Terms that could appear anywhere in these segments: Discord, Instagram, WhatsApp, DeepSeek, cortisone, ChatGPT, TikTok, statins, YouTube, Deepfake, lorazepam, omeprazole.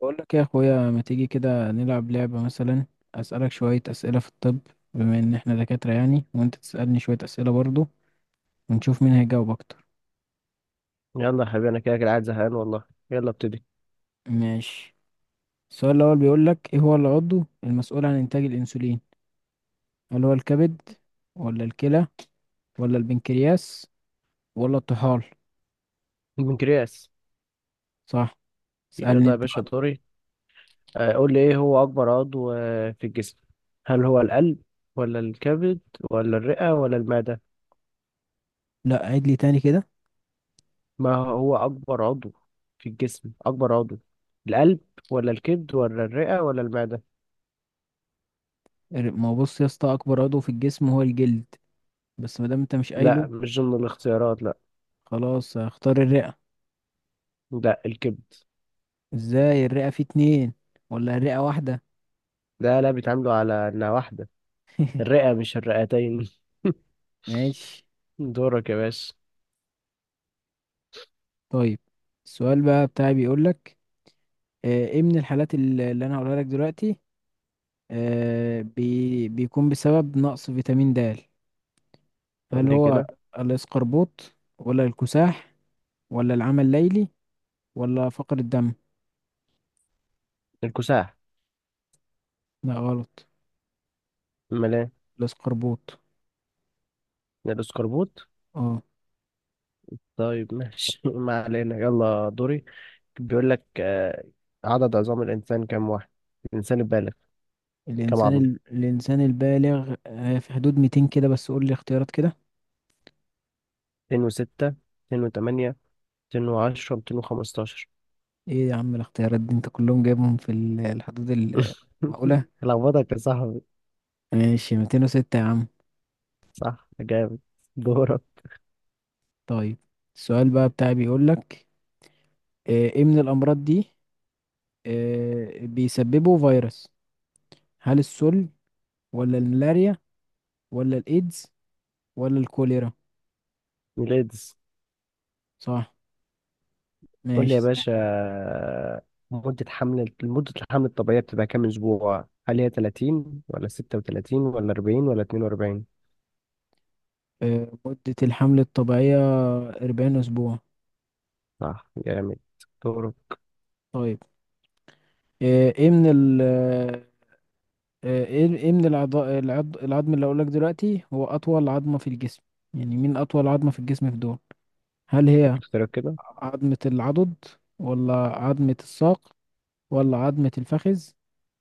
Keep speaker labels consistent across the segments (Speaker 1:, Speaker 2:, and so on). Speaker 1: بقول لك يا اخويا، ما تيجي كده نلعب لعبة مثلا؟ اسألك شوية اسئلة في الطب، بما ان احنا دكاترة يعني، وانت تسألني شوية اسئلة برضو، ونشوف مين هيجاوب اكتر.
Speaker 2: يلا يا حبيبي، انا كده كده قاعد زهقان والله. يلا ابتدي.
Speaker 1: ماشي. السؤال الاول بيقول لك: ايه هو العضو المسؤول عن انتاج الانسولين؟ هل هو الكبد، ولا الكلى، ولا البنكرياس، ولا الطحال؟
Speaker 2: البنكرياس.
Speaker 1: صح. اسألني
Speaker 2: يلا يا
Speaker 1: انت
Speaker 2: باشا
Speaker 1: بقى.
Speaker 2: دوري. قول لي ايه هو اكبر عضو في الجسم؟ هل هو القلب، ولا الكبد، ولا الرئة، ولا المعدة؟
Speaker 1: لا، عيد لي تاني كده.
Speaker 2: ما هو اكبر عضو في الجسم، اكبر عضو، القلب ولا الكبد ولا الرئة ولا المعدة؟
Speaker 1: ما هو بص يا اسطى، اكبر عضو في الجسم هو الجلد، بس ما دام انت مش
Speaker 2: لا،
Speaker 1: قايله،
Speaker 2: مش ضمن الاختيارات، لا.
Speaker 1: خلاص هختار الرئة.
Speaker 2: لا، الكبد.
Speaker 1: ازاي الرئة فيه اتنين ولا الرئة واحدة؟
Speaker 2: لا لا، بيتعاملوا على انها واحدة. الرئة مش الرئتين.
Speaker 1: ماشي.
Speaker 2: دورك يا باشا.
Speaker 1: طيب السؤال بقى بتاعي بيقولك: ايه من الحالات اللي انا هقولها لك دلوقتي، آه، بي بيكون بسبب نقص فيتامين د. هل
Speaker 2: قول لي
Speaker 1: هو
Speaker 2: كده.
Speaker 1: الاسقربوط، ولا الكساح، ولا العمى الليلي، ولا فقر الدم؟
Speaker 2: الكساح.
Speaker 1: لا غلط.
Speaker 2: امال ايه؟
Speaker 1: الاسقربوط.
Speaker 2: الاسكربوت.
Speaker 1: اه.
Speaker 2: طيب ماشي. ما علينا، يلا دوري. بيقول لك عدد عظام الإنسان كام واحد؟ الإنسان البالغ. كام
Speaker 1: الانسان
Speaker 2: عظمة؟
Speaker 1: الانسان البالغ في حدود 200 كده، بس قول لي اختيارات كده.
Speaker 2: 206، 208، 210، 215.
Speaker 1: ايه يا عم الاختيارات دي؟ انت كلهم جايبهم في الحدود المعقولة.
Speaker 2: لخبطك يا صاحبي.
Speaker 1: ماشي 206 يا عم.
Speaker 2: صح جامد. دورك.
Speaker 1: طيب السؤال بقى بتاعي بيقول لك: ايه من الامراض دي بيسببه فيروس؟ هل السل، ولا الملاريا، ولا الايدز، ولا الكوليرا؟
Speaker 2: ميلادس.
Speaker 1: صح.
Speaker 2: قول لي يا
Speaker 1: ماشي.
Speaker 2: باشا، مدة حمل، مدة الحمل الطبيعية بتبقى كام أسبوع؟ هل هي 30 ولا 36 ولا 40 ولا 42؟
Speaker 1: مدة الحمل الطبيعية 40 اسبوع.
Speaker 2: صح جامد. دورك.
Speaker 1: طيب، آه، ايه من ال آه، ايه ايه من العظم اللي اقولك دلوقتي هو اطول عظمة في الجسم؟ يعني مين اطول عظمة في الجسم في دول؟ هل هي
Speaker 2: اختيارك كده.
Speaker 1: عظمة العضد، ولا عظمة الساق، ولا عظمة الفخذ،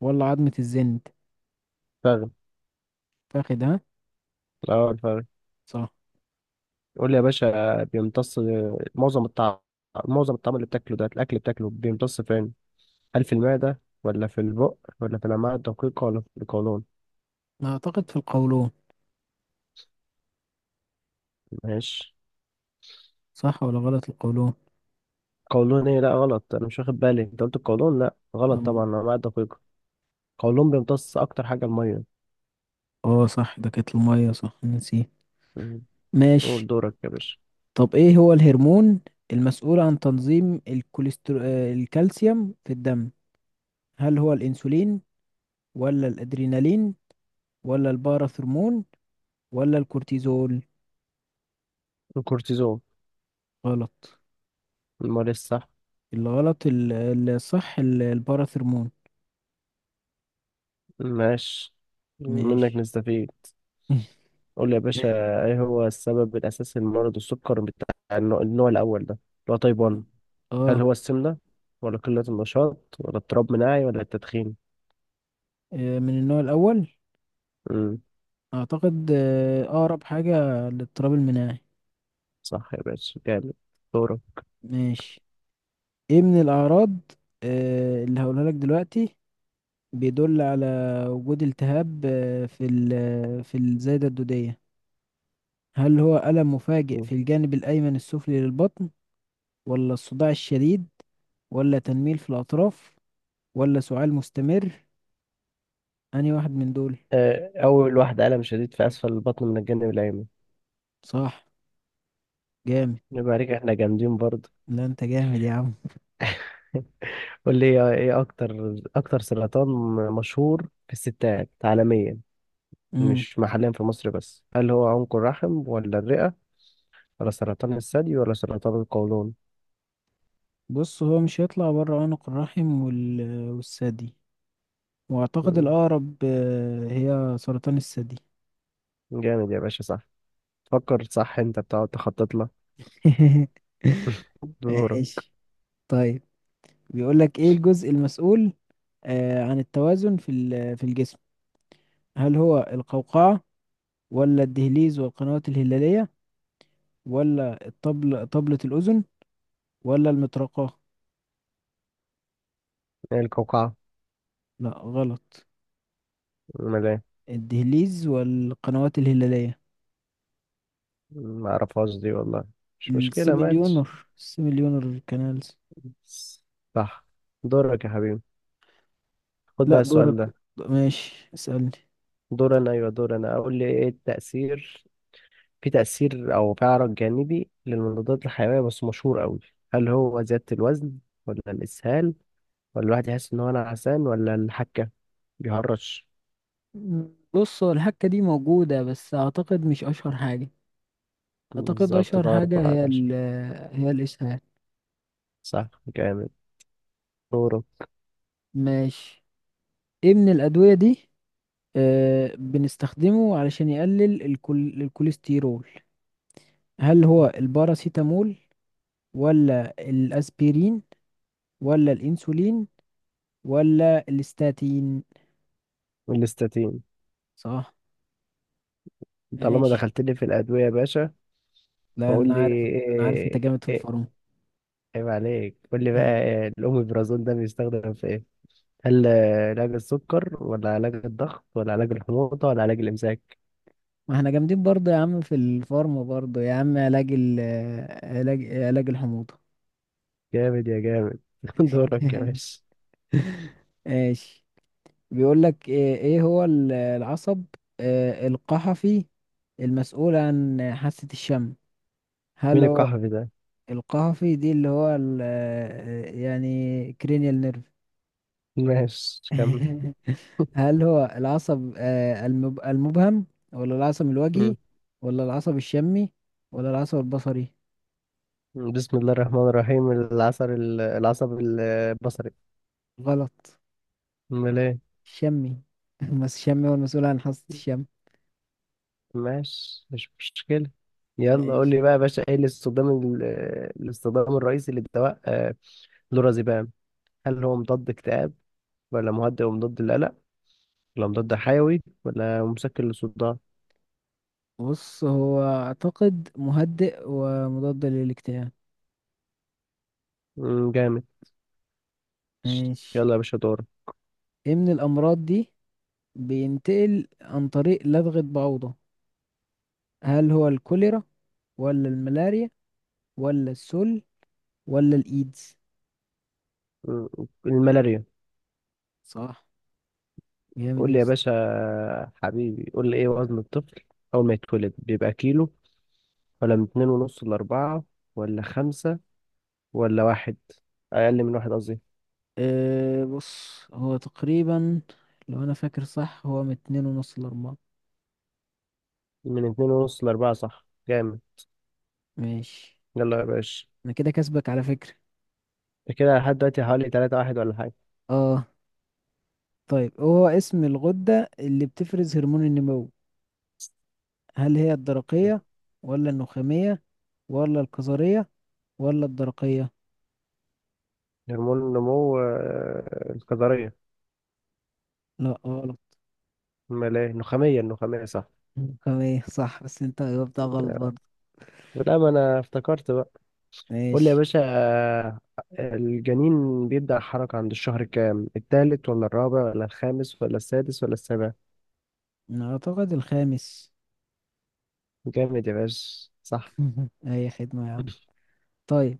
Speaker 1: ولا عظمة الزند؟
Speaker 2: فاهم.
Speaker 1: فاخد ها.
Speaker 2: اه، الفخذ.
Speaker 1: صح.
Speaker 2: يقول لي يا باشا، بيمتص معظم الطعم، معظم الطعم اللي بتاكله ده، الاكل بتاكله بيمتص فين؟ هل في المعده، ولا في البق، ولا في الامعاء الدقيقه، ولا في القولون؟
Speaker 1: أنا اعتقد في القولون.
Speaker 2: ماشي.
Speaker 1: صح ولا غلط القولون؟
Speaker 2: قولون ايه؟ لا غلط، انا مش واخد بالي انت قلت القولون. لا غلط
Speaker 1: اه.
Speaker 2: طبعا، الامعاء الدقيقه. القولون بيمتص اكتر حاجه الميه.
Speaker 1: اه صح، ده كانت المية، صح، نسيه.
Speaker 2: مم.
Speaker 1: ماشي.
Speaker 2: قول دورك يا باشا.
Speaker 1: طب ايه هو الهرمون المسؤول عن تنظيم الكوليسترو... آه، الكالسيوم في الدم؟ هل هو الانسولين، ولا الادرينالين، ولا الباراثرمون، ولا الكورتيزول؟
Speaker 2: الكورتيزون.
Speaker 1: غلط.
Speaker 2: المال الصح.
Speaker 1: الغلط الصح الباراثرمون.
Speaker 2: ماشي، منك
Speaker 1: ماشي.
Speaker 2: نستفيد. قول لي يا باشا، ايه هو السبب الاساسي لمرض السكر بتاع النوع الاول ده اللي هو تايب 1؟ هل
Speaker 1: اه.
Speaker 2: هو السمنة، ولا قلة النشاط، ولا اضطراب مناعي، ولا التدخين؟
Speaker 1: من النوع الاول.
Speaker 2: امم
Speaker 1: اعتقد اقرب حاجه للاضطراب المناعي.
Speaker 2: صح يا باشا، جامد. دورك.
Speaker 1: ماشي. ايه من الاعراض اللي هقولها لك دلوقتي بيدل على وجود التهاب في الزايده الدوديه؟ هل هو الم مفاجئ
Speaker 2: مم.
Speaker 1: في الجانب الايمن السفلي للبطن، ولا الصداع الشديد، ولا تنميل في الأطراف، ولا سعال مستمر؟ أنهي واحد من دول؟
Speaker 2: أول واحدة، ألم شديد في أسفل البطن من الجانب الأيمن.
Speaker 1: صح جامد.
Speaker 2: يبقى عليك، احنا جامدين برضه.
Speaker 1: لا أنت جامد يا عم.
Speaker 2: قول لي، إيه أكتر سرطان مشهور في الستات عالميا،
Speaker 1: مم.
Speaker 2: مش محليا في مصر بس؟ هل هو عنق الرحم، ولا الرئة، ولا سرطان الثدي، ولا سرطان القولون؟
Speaker 1: بص هو مش هيطلع بره عنق الرحم والثدي، وأعتقد
Speaker 2: مم.
Speaker 1: الأقرب هي سرطان الثدي.
Speaker 2: جامد يا باشا، صح. فكر صح، انت بتقعد تخطط لك. دورك.
Speaker 1: ماشي. طيب بيقول لك: إيه الجزء المسؤول عن التوازن في الجسم؟ هل هو القوقعة، ولا الدهليز والقنوات الهلالية، ولا طبلة الأذن، ولا المطرقة؟
Speaker 2: إيه القوقعة؟
Speaker 1: لا غلط.
Speaker 2: ملام.
Speaker 1: الدهليز والقنوات الهلالية.
Speaker 2: ما اعرفهاش دي والله. مش مشكلة ماتش.
Speaker 1: السيميليونر كانالز.
Speaker 2: صح. دورك يا حبيبي، خد
Speaker 1: لا
Speaker 2: بقى السؤال
Speaker 1: دورك.
Speaker 2: ده.
Speaker 1: ماشي اسألني.
Speaker 2: دور انا اقول لي ايه التأثير، في تأثير او تعرض جانبي للمضادات الحيوية بس مشهور قوي؟ هل هو زيادة الوزن، ولا الإسهال، ولا الواحد يحس ان هو نعسان، ولا الحكة، بيهرش؟
Speaker 1: مم، بص هو الحكة دي موجودة، بس أعتقد مش أشهر حاجة. أعتقد
Speaker 2: بالظبط،
Speaker 1: أشهر
Speaker 2: ده
Speaker 1: حاجة
Speaker 2: أربعة على عشرة.
Speaker 1: هي الإسهال.
Speaker 2: صح جامد. دورك.
Speaker 1: ماشي. إيه من الأدوية دي آه بنستخدمه علشان يقلل الكوليسترول؟ هل هو الباراسيتامول، ولا الأسبرين، ولا الانسولين، ولا الاستاتين؟
Speaker 2: الاستاتين.
Speaker 1: صح.
Speaker 2: طالما
Speaker 1: ماشي.
Speaker 2: دخلت لي في الأدوية يا باشا،
Speaker 1: لا
Speaker 2: فقول
Speaker 1: انا
Speaker 2: لي.
Speaker 1: عارف. انا عارف انت جامد في
Speaker 2: إيه,
Speaker 1: الفارما.
Speaker 2: عيب عليك، قول لي بقى. الأوميبرازول ده بيستخدم في إيه؟ هل علاج السكر، ولا علاج الضغط، ولا علاج الحموضة، ولا علاج الإمساك؟
Speaker 1: ما احنا جامدين برضه يا عم، في الفارما برضه يا عم. علاج ال علاج علاج الحموضة.
Speaker 2: جامد يا جامد. دورك يا باشا.
Speaker 1: ماشي. بيقول لك إيه هو العصب القحفي المسؤول عن حاسة الشم؟ هل
Speaker 2: مين
Speaker 1: هو
Speaker 2: الكحف ده؟
Speaker 1: القحفي دي اللي هو يعني cranial nerve.
Speaker 2: ماشي، كمل.
Speaker 1: هل هو العصب المبهم، ولا العصب الوجهي،
Speaker 2: مم.
Speaker 1: ولا العصب الشمي، ولا العصب البصري؟
Speaker 2: بسم الله الرحمن الرحيم. العصب البصري.
Speaker 1: غلط.
Speaker 2: أمال إيه؟
Speaker 1: الشمي. بس الشمي هو المسؤول عن حاسة الشم.
Speaker 2: ماشي، مش مشكلة. يلا قول
Speaker 1: ماشي.
Speaker 2: لي بقى يا باشا، إيه الاستخدام الرئيسي للدواء لورازيبام؟ هل هو مضاد اكتئاب، ولا مهدئ ومضاد للقلق، الأمراض ده حيوي، ولا مسكن للصداع؟
Speaker 1: بص هو أعتقد مهدئ ومضاد للاكتئاب.
Speaker 2: جامد.
Speaker 1: ماشي.
Speaker 2: يلا يا باشا دور.
Speaker 1: إيه من الأمراض دي بينتقل عن طريق لدغة بعوضة؟ هل هو الكوليرا، ولا الملاريا، ولا السل، ولا الإيدز؟
Speaker 2: مم، الملاريا.
Speaker 1: صح جامد
Speaker 2: قول
Speaker 1: يا
Speaker 2: لي يا
Speaker 1: اسطى.
Speaker 2: باشا حبيبي، قول لي ايه وزن الطفل أول ما يتولد؟ بيبقى كيلو، ولا من اتنين ونص لأربعة، ولا خمسة، ولا واحد، أقل من واحد قصدي؟
Speaker 1: أه بص هو تقريبا، لو انا فاكر صح، هو من اتنين ونص لاربعة.
Speaker 2: من اتنين ونص لأربعة. صح جامد.
Speaker 1: ماشي.
Speaker 2: يلا يا باشا.
Speaker 1: انا كده كسبك على فكرة.
Speaker 2: ده كده لحد دلوقتي حوالي تلاتة واحد ولا حاجة.
Speaker 1: اه. طيب هو اسم الغدة اللي بتفرز هرمون النمو. هل هي الدرقية، ولا النخامية، ولا الكظرية، ولا الدرقية؟
Speaker 2: هرمون النمو، الكظرية.
Speaker 1: لا غلط.
Speaker 2: أمال إيه؟ النخامية، النخامية صح.
Speaker 1: النخامية صح، بس انت جاوبتها غلط برضه.
Speaker 2: لا، ما أنا افتكرت بقى. قول لي يا
Speaker 1: ماشي.
Speaker 2: باشا، الجنين بيبدأ حركة عند الشهر كام؟ التالت، ولا الرابع، ولا الخامس، ولا السادس، ولا السابع؟
Speaker 1: انا اعتقد الخامس.
Speaker 2: جامد يا باشا، صح.
Speaker 1: اي خدمة يا عم. طيب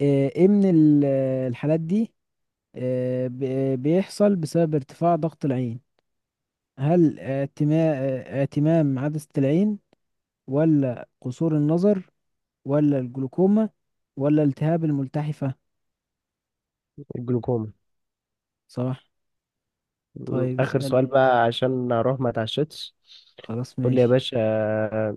Speaker 1: آه، ايه من ال- الحالات دي بيحصل بسبب ارتفاع ضغط العين. هل اعتمام عدسة العين، ولا قصور النظر، ولا الجلوكوما، ولا التهاب الملتحفة؟
Speaker 2: الجلوكوما.
Speaker 1: صح.
Speaker 2: م،
Speaker 1: طيب
Speaker 2: آخر سؤال
Speaker 1: اسألني.
Speaker 2: بقى عشان أروح ما اتعشتش.
Speaker 1: خلاص
Speaker 2: قول لي يا
Speaker 1: ماشي.
Speaker 2: باشا،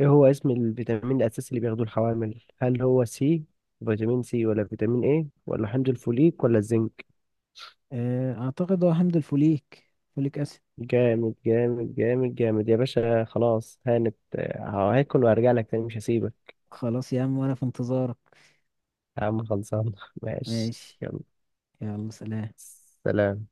Speaker 2: إيه هو اسم الفيتامين الأساسي اللي بياخدوه الحوامل؟ هل هو سي، فيتامين سي، ولا فيتامين ايه، ولا حمض الفوليك، ولا الزنك؟
Speaker 1: اعتقد هو حمض الفوليك. فوليك اسيد.
Speaker 2: جامد جامد جامد جامد يا باشا، خلاص هانت. هاكل وهرجع لك تاني، مش هسيبك.
Speaker 1: خلاص يا عم وانا في انتظارك.
Speaker 2: يا عم خلصان. ماشي،
Speaker 1: ماشي.
Speaker 2: يلا.
Speaker 1: يلا سلام.
Speaker 2: سلام.